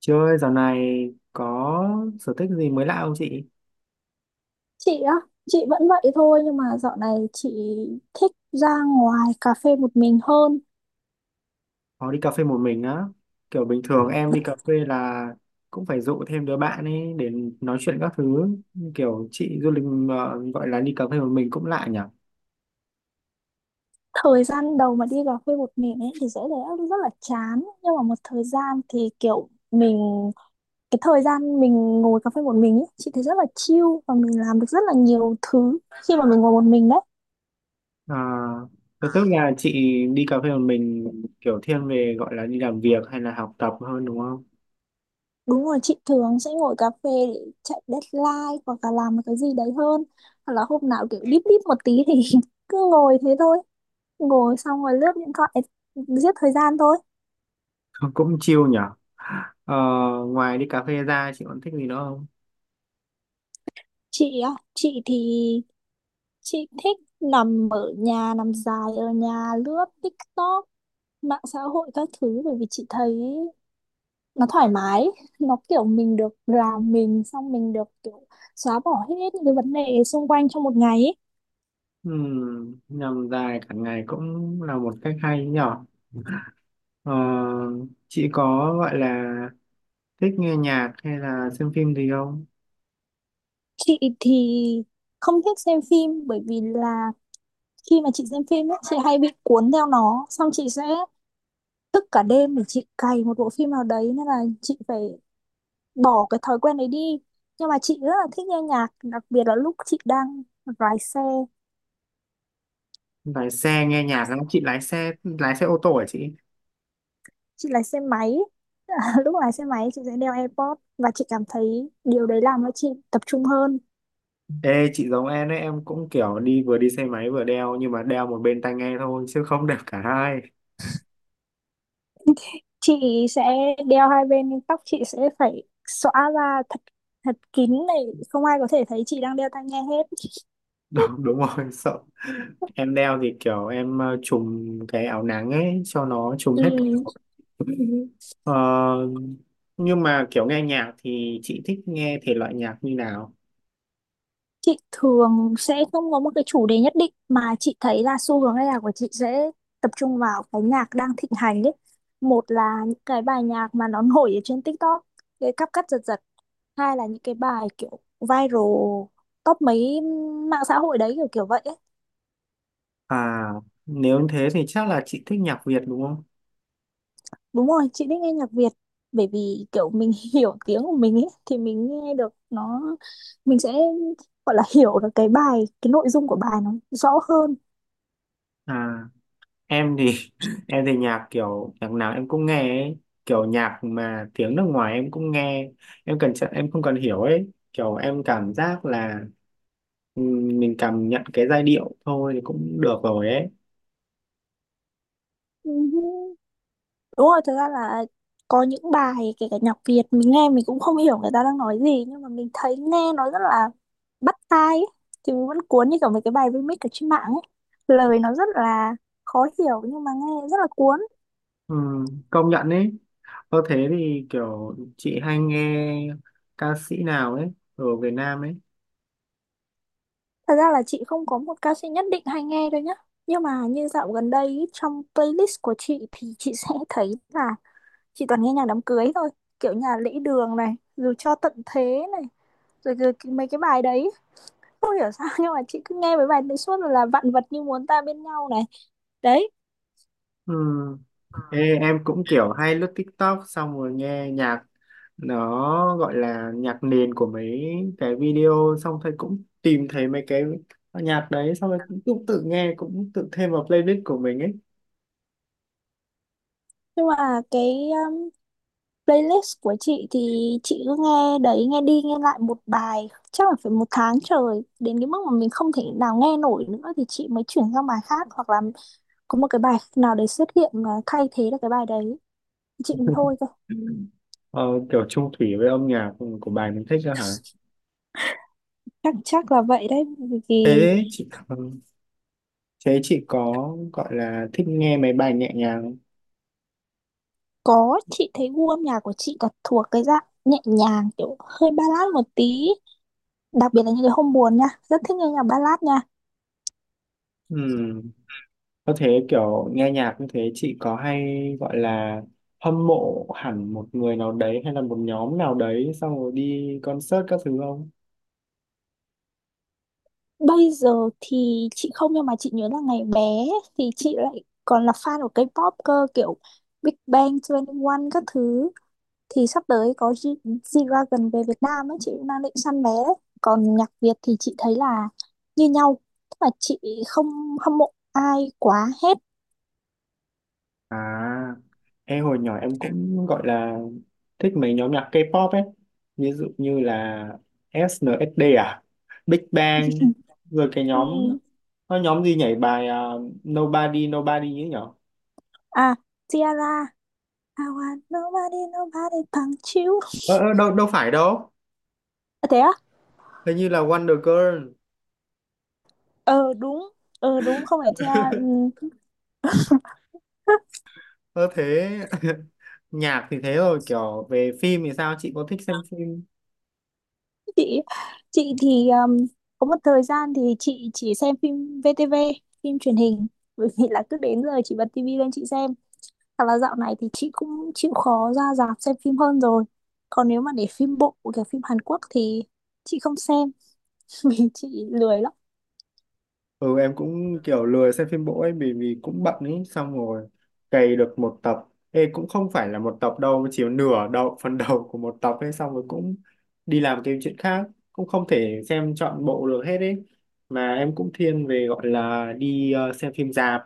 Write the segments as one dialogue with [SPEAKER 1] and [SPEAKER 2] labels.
[SPEAKER 1] Chị ơi, dạo này có sở thích gì mới lạ không chị?
[SPEAKER 2] Chị á, chị vẫn vậy thôi nhưng mà dạo này chị thích ra ngoài cà phê một mình hơn.
[SPEAKER 1] Có đi cà phê một mình á. Kiểu bình thường em đi cà phê là cũng phải dụ thêm đứa bạn ấy để nói chuyện các thứ. Kiểu chị du lịch gọi là đi cà phê một mình cũng lạ nhỉ?
[SPEAKER 2] Thời gian đầu mà đi cà phê một mình ấy thì sẽ thấy rất là chán, nhưng mà một thời gian thì kiểu mình, cái thời gian mình ngồi cà phê một mình ấy, chị thấy rất là chill và mình làm được rất là nhiều thứ khi mà mình ngồi một mình đấy.
[SPEAKER 1] À, thế tức là chị đi cà phê một mình kiểu thiên về gọi là đi làm việc hay là học tập hơn đúng không?
[SPEAKER 2] Đúng rồi, chị thường sẽ ngồi cà phê để chạy deadline hoặc là làm một cái gì đấy hơn. Hoặc là hôm nào kiểu deep deep một tí thì cứ ngồi thế thôi. Ngồi xong rồi lướt điện thoại, giết thời gian thôi.
[SPEAKER 1] Cũng chill nhỉ? Ờ, ngoài đi cà phê ra chị còn thích gì nữa không?
[SPEAKER 2] Chị á, chị thích nằm ở nhà, nằm dài ở nhà lướt TikTok, mạng xã hội các thứ bởi vì chị thấy nó thoải mái, nó kiểu mình được làm mình, xong mình được kiểu xóa bỏ hết những cái vấn đề xung quanh trong một ngày ấy.
[SPEAKER 1] Nhằm dài cả ngày cũng là một cách hay nhỉ? Ờ, chị có gọi là thích nghe nhạc hay là xem phim gì không?
[SPEAKER 2] Chị thì không thích xem phim bởi vì là khi mà chị xem phim ấy, chị hay bị cuốn theo nó, xong chị sẽ thức cả đêm để chị cày một bộ phim nào đấy nên là chị phải bỏ cái thói quen đấy đi. Nhưng mà chị rất là thích nghe nhạc, đặc biệt là lúc chị đang lái xe.
[SPEAKER 1] Lái xe nghe nhạc không? Chị lái xe ô tô hả chị?
[SPEAKER 2] Chị lái xe máy. Lúc lái xe máy chị sẽ đeo AirPods và chị cảm thấy điều đấy làm cho chị tập trung hơn.
[SPEAKER 1] Ê chị giống em đấy, em cũng kiểu đi vừa đi xe máy vừa đeo nhưng mà đeo một bên tai nghe thôi chứ không đeo cả hai.
[SPEAKER 2] Chị sẽ đeo hai bên nhưng tóc chị sẽ phải xõa ra thật thật kín này, không ai có thể thấy chị đang đeo tai nghe hết.
[SPEAKER 1] Đúng, đúng rồi, sợ em đeo thì kiểu em trùm cái áo nắng ấy cho nó trùm hết
[SPEAKER 2] Ừ.
[SPEAKER 1] cả. Ờ, nhưng mà kiểu nghe nhạc thì chị thích nghe thể loại nhạc như nào?
[SPEAKER 2] Chị thường sẽ không có một cái chủ đề nhất định mà chị thấy là xu hướng âm nhạc của chị sẽ tập trung vào cái nhạc đang thịnh hành ấy. Một là những cái bài nhạc mà nó nổi ở trên TikTok, cái cắp cắt giật giật. Hai là những cái bài kiểu viral top mấy mạng xã hội đấy, kiểu kiểu vậy ấy.
[SPEAKER 1] À, nếu thế thì chắc là chị thích nhạc Việt đúng không?
[SPEAKER 2] Đúng rồi, chị thích nghe nhạc Việt bởi vì kiểu mình hiểu tiếng của mình ấy thì mình nghe được nó, mình sẽ gọi là hiểu được cái bài, cái nội dung của bài nó rõ hơn.
[SPEAKER 1] À, em thì em thì nhạc kiểu nhạc nào em cũng nghe ấy. Kiểu nhạc mà tiếng nước ngoài em cũng nghe, em cần em không cần hiểu ấy, kiểu em cảm giác là mình cảm nhận cái giai điệu thôi thì cũng được rồi ấy.
[SPEAKER 2] Ừ. Đúng rồi, thực ra là có những bài kể cả nhạc Việt mình nghe mình cũng không hiểu người ta đang nói gì nhưng mà mình thấy nghe nó rất là bắt tai ấy. Thì mình vẫn cuốn như kiểu mấy cái bài remix ở trên mạng ấy. Lời nó rất là khó hiểu nhưng mà nghe rất là cuốn.
[SPEAKER 1] Công nhận ấy, có thế thì kiểu chị hay nghe ca sĩ nào ấy ở Việt Nam
[SPEAKER 2] Thật ra là chị không có một ca sĩ nhất định hay nghe đâu nhá. Nhưng mà như dạo gần đây ý, trong playlist của chị thì chị sẽ thấy là chị toàn nghe nhạc đám cưới thôi. Kiểu nhà lễ đường này, rồi cho tận thế này, rồi, mấy cái bài đấy không hiểu sao nhưng mà chị cứ nghe mấy bài đấy suốt, rồi là vạn vật như muốn ta bên nhau này, đấy.
[SPEAKER 1] ấy. Ê, em cũng kiểu hay lướt TikTok xong rồi nghe nhạc, nó gọi là nhạc nền của mấy cái video xong thấy cũng tìm thấy mấy cái nhạc đấy xong rồi cũng tự nghe, cũng tự thêm vào playlist của mình ấy.
[SPEAKER 2] Nhưng mà cái playlist của chị thì chị cứ nghe đấy, nghe đi nghe lại một bài chắc là phải một tháng trời, đến cái mức mà mình không thể nào nghe nổi nữa thì chị mới chuyển sang bài khác, hoặc là có một cái bài nào đấy xuất hiện mà thay thế được cái bài đấy chị mình thôi cơ.
[SPEAKER 1] Ừ. Ờ, kiểu chung thủy với âm nhạc của bài mình thích đó hả?
[SPEAKER 2] Chắc chắc là vậy đấy, vì vì
[SPEAKER 1] thế chị ừ, Thế chị có gọi là thích nghe mấy bài nhẹ nhàng không?
[SPEAKER 2] có, chị thấy gu âm nhạc của chị có thuộc cái dạng nhẹ nhàng, kiểu hơi ballad một tí, đặc biệt là những cái hôm buồn nha, rất thích nghe nhạc ballad nha.
[SPEAKER 1] Ừ. Có thế kiểu nghe nhạc như thế chị có hay gọi là hâm mộ hẳn một người nào đấy hay là một nhóm nào đấy xong rồi đi concert các thứ không?
[SPEAKER 2] Bây giờ thì chị không, nhưng mà chị nhớ là ngày bé thì chị lại còn là fan của K-pop cơ, kiểu Big Bang 21 các thứ. Thì sắp tới có G-Dragon về Việt Nam ấy, chị cũng đang định săn vé đấy. Còn nhạc Việt thì chị thấy là như nhau, tức là chị không hâm mộ ai quá hết.
[SPEAKER 1] À, em hồi nhỏ em cũng gọi là thích mấy nhóm nhạc K-pop ấy. Ví dụ như là SNSD à, Big Bang, rồi cái nhóm,
[SPEAKER 2] Ừm,
[SPEAKER 1] có nhóm gì nhảy bài à, Nobody Nobody ấy nhở?
[SPEAKER 2] à. Ciara. I want nobody nobody bằng you.
[SPEAKER 1] Ờ, ờ, đâu, đâu phải đâu,
[SPEAKER 2] À, thế á.
[SPEAKER 1] hình như là Wonder Girl.
[SPEAKER 2] Ờ đúng. Ờ đúng, không phải Ciara. Ừ.
[SPEAKER 1] Ơ thế nhạc thì thế rồi, kiểu về phim thì sao, chị có thích xem phim?
[SPEAKER 2] chị chị thì có một thời gian thì chị chỉ xem phim VTV, phim truyền hình, bởi vì là cứ đến giờ chị bật tivi lên chị xem. Thật là dạo này thì chị cũng chịu khó ra rạp xem phim hơn rồi. Còn nếu mà để phim bộ, kiểu phim Hàn Quốc thì chị không xem, vì chị lười lắm.
[SPEAKER 1] Ừ, em cũng kiểu lười xem phim bộ ấy, vì vì cũng bận ấy, xong rồi cày được một tập. Ê, cũng không phải là một tập đâu, chỉ nửa đầu phần đầu của một tập ấy, xong rồi cũng đi làm cái chuyện khác, cũng không thể xem trọn bộ được hết ấy. Mà em cũng thiên về gọi là đi xem phim rạp.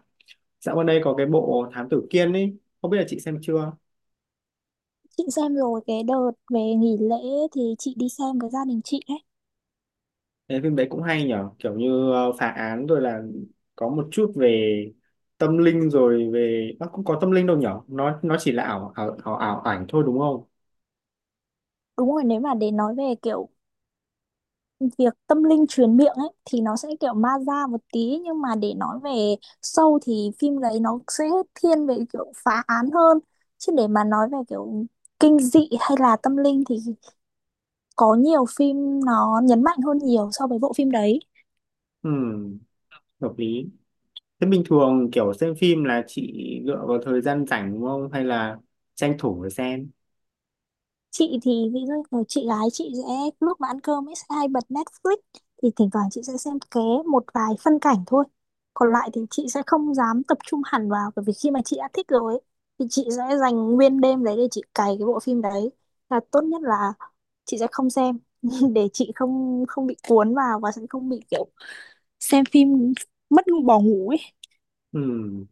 [SPEAKER 1] Dạo gần đây có cái bộ Thám Tử Kiên ấy, không biết là chị xem chưa.
[SPEAKER 2] Chị xem rồi, cái đợt về nghỉ lễ thì chị đi xem với gia đình chị ấy.
[SPEAKER 1] Cái phim đấy cũng hay nhở, kiểu như phá án rồi là có một chút về tâm linh, rồi về nó cũng có tâm linh đâu nhở, nó chỉ là ảo ảnh thôi đúng không?
[SPEAKER 2] Đúng rồi, nếu mà để nói về kiểu việc tâm linh truyền miệng ấy thì nó sẽ kiểu ma da một tí, nhưng mà để nói về sâu thì phim đấy nó sẽ thiên về kiểu phá án hơn, chứ để mà nói về kiểu kinh dị hay là tâm linh thì có nhiều phim nó nhấn mạnh hơn nhiều so với bộ phim đấy.
[SPEAKER 1] Ừm, hợp lý. Thế bình thường kiểu xem phim là chị dựa vào thời gian rảnh đúng không hay là tranh thủ để xem?
[SPEAKER 2] Chị thì ví dụ như chị gái chị sẽ, lúc mà ăn cơm ấy, sẽ hay bật Netflix thì thỉnh thoảng chị sẽ xem ké một vài phân cảnh thôi. Còn lại thì chị sẽ không dám tập trung hẳn vào bởi vì khi mà chị đã thích rồi ấy, thì chị sẽ dành nguyên đêm đấy để chị cày cái bộ phim đấy, là tốt nhất là chị sẽ không xem để chị không không bị cuốn vào và sẽ không bị kiểu xem phim mất bỏ ngủ ấy.
[SPEAKER 1] Ừm,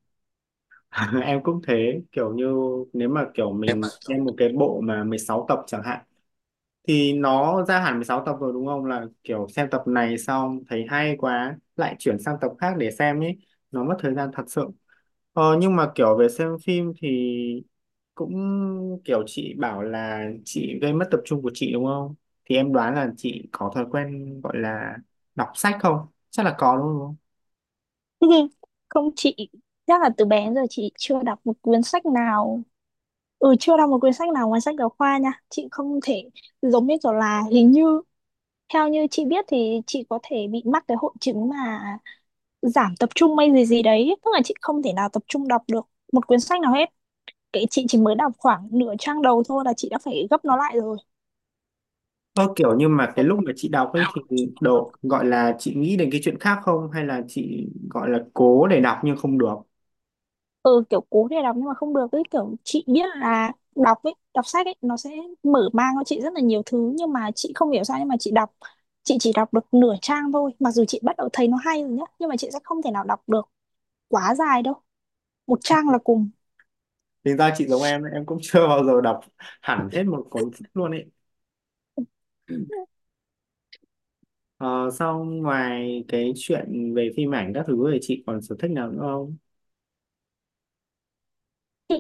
[SPEAKER 1] em cũng thế, kiểu như nếu mà kiểu mình xem một cái bộ mà 16 tập chẳng hạn thì nó ra hẳn 16 tập rồi đúng không, là kiểu xem tập này xong thấy hay quá lại chuyển sang tập khác để xem ấy, nó mất thời gian thật sự. Ờ, nhưng mà kiểu về xem phim thì cũng kiểu chị bảo là chị gây mất tập trung của chị đúng không, thì em đoán là chị có thói quen gọi là đọc sách không, chắc là có đúng không?
[SPEAKER 2] Không chị, chắc là từ bé đến giờ chị chưa đọc một cuốn sách nào. Ừ, chưa đọc một quyển sách nào ngoài sách giáo khoa nha. Chị không thể, giống như kiểu là hình như, theo như chị biết thì chị có thể bị mắc cái hội chứng mà giảm tập trung hay gì gì đấy. Tức là chị không thể nào tập trung đọc được một quyển sách nào hết. Cái chị chỉ mới đọc khoảng nửa trang đầu thôi là chị đã phải gấp nó lại rồi.
[SPEAKER 1] Ơ kiểu như mà cái lúc mà chị đọc ấy thì độ gọi là chị nghĩ đến cái chuyện khác không hay là chị gọi là cố để đọc nhưng không được?
[SPEAKER 2] Ừ, kiểu cố để đọc nhưng mà không được. Cái kiểu chị biết là đọc ấy, đọc sách ấy, nó sẽ mở mang cho chị rất là nhiều thứ. Nhưng mà chị không hiểu sao nhưng mà chị đọc, chị chỉ đọc được nửa trang thôi, mặc dù chị bắt đầu thấy nó hay rồi nhá nhưng mà chị sẽ không thể nào đọc được quá dài đâu, một trang là cùng.
[SPEAKER 1] Tính ra chị giống em cũng chưa bao giờ đọc hẳn hết một cuốn sách luôn ấy. Ờ, sau ngoài cái chuyện về phim ảnh các thứ thì chị còn sở thích nào nữa không?
[SPEAKER 2] Chị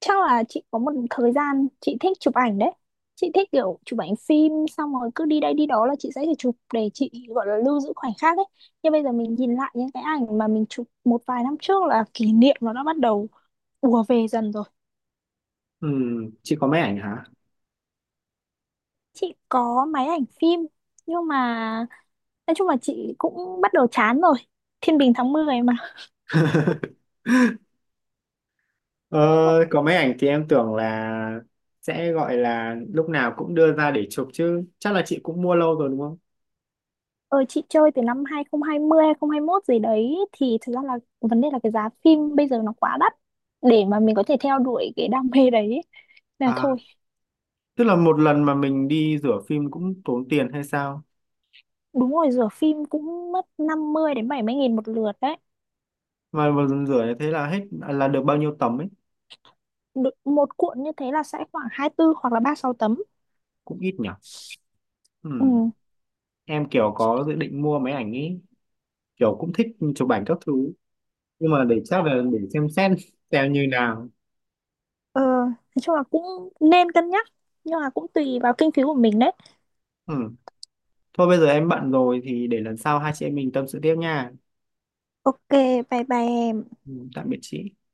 [SPEAKER 2] chắc là chị có một thời gian chị thích chụp ảnh đấy. Chị thích kiểu chụp ảnh phim, xong rồi cứ đi đây đi đó là chị sẽ phải chụp để chị gọi là lưu giữ khoảnh khắc ấy. Nhưng bây giờ mình nhìn lại những cái ảnh mà mình chụp một vài năm trước là kỷ niệm nó đã bắt đầu ùa về dần rồi.
[SPEAKER 1] Ừ, chị có máy ảnh hả?
[SPEAKER 2] Chị có máy ảnh phim, nhưng mà nói chung là chị cũng bắt đầu chán rồi, thiên bình tháng 10 mà.
[SPEAKER 1] Ờ, có máy ảnh thì em tưởng là sẽ gọi là lúc nào cũng đưa ra để chụp chứ. Chắc là chị cũng mua lâu rồi đúng không?
[SPEAKER 2] Ờ, chị chơi từ năm 2020, 2021 gì đấy, thì thực ra là vấn đề là cái giá phim bây giờ nó quá đắt để mà mình có thể theo đuổi cái đam mê đấy ấy. Là
[SPEAKER 1] À,
[SPEAKER 2] thôi.
[SPEAKER 1] tức là một lần mà mình đi rửa phim cũng tốn tiền hay sao?
[SPEAKER 2] Đúng rồi, rửa phim cũng mất 50 đến 70 nghìn một lượt đấy.
[SPEAKER 1] Mà một lần rửa như thế là hết là được bao nhiêu tấm ấy?
[SPEAKER 2] Một cuộn như thế là sẽ khoảng 24 hoặc là 36 tấm.
[SPEAKER 1] Cũng ít nhỉ?
[SPEAKER 2] Ừ.
[SPEAKER 1] Ừ. Em kiểu có dự định mua máy ảnh ý, kiểu cũng thích chụp ảnh các thứ nhưng mà để chắc là để xem xét xem như nào.
[SPEAKER 2] Ờ, nói chung là cũng nên cân nhắc nhưng mà cũng tùy vào kinh phí của mình đấy.
[SPEAKER 1] Ừ. Thôi bây giờ em bận rồi thì để lần sau hai chị em mình tâm sự tiếp nha.
[SPEAKER 2] Ok, bye bye em.
[SPEAKER 1] Ừ, tạm biệt chị.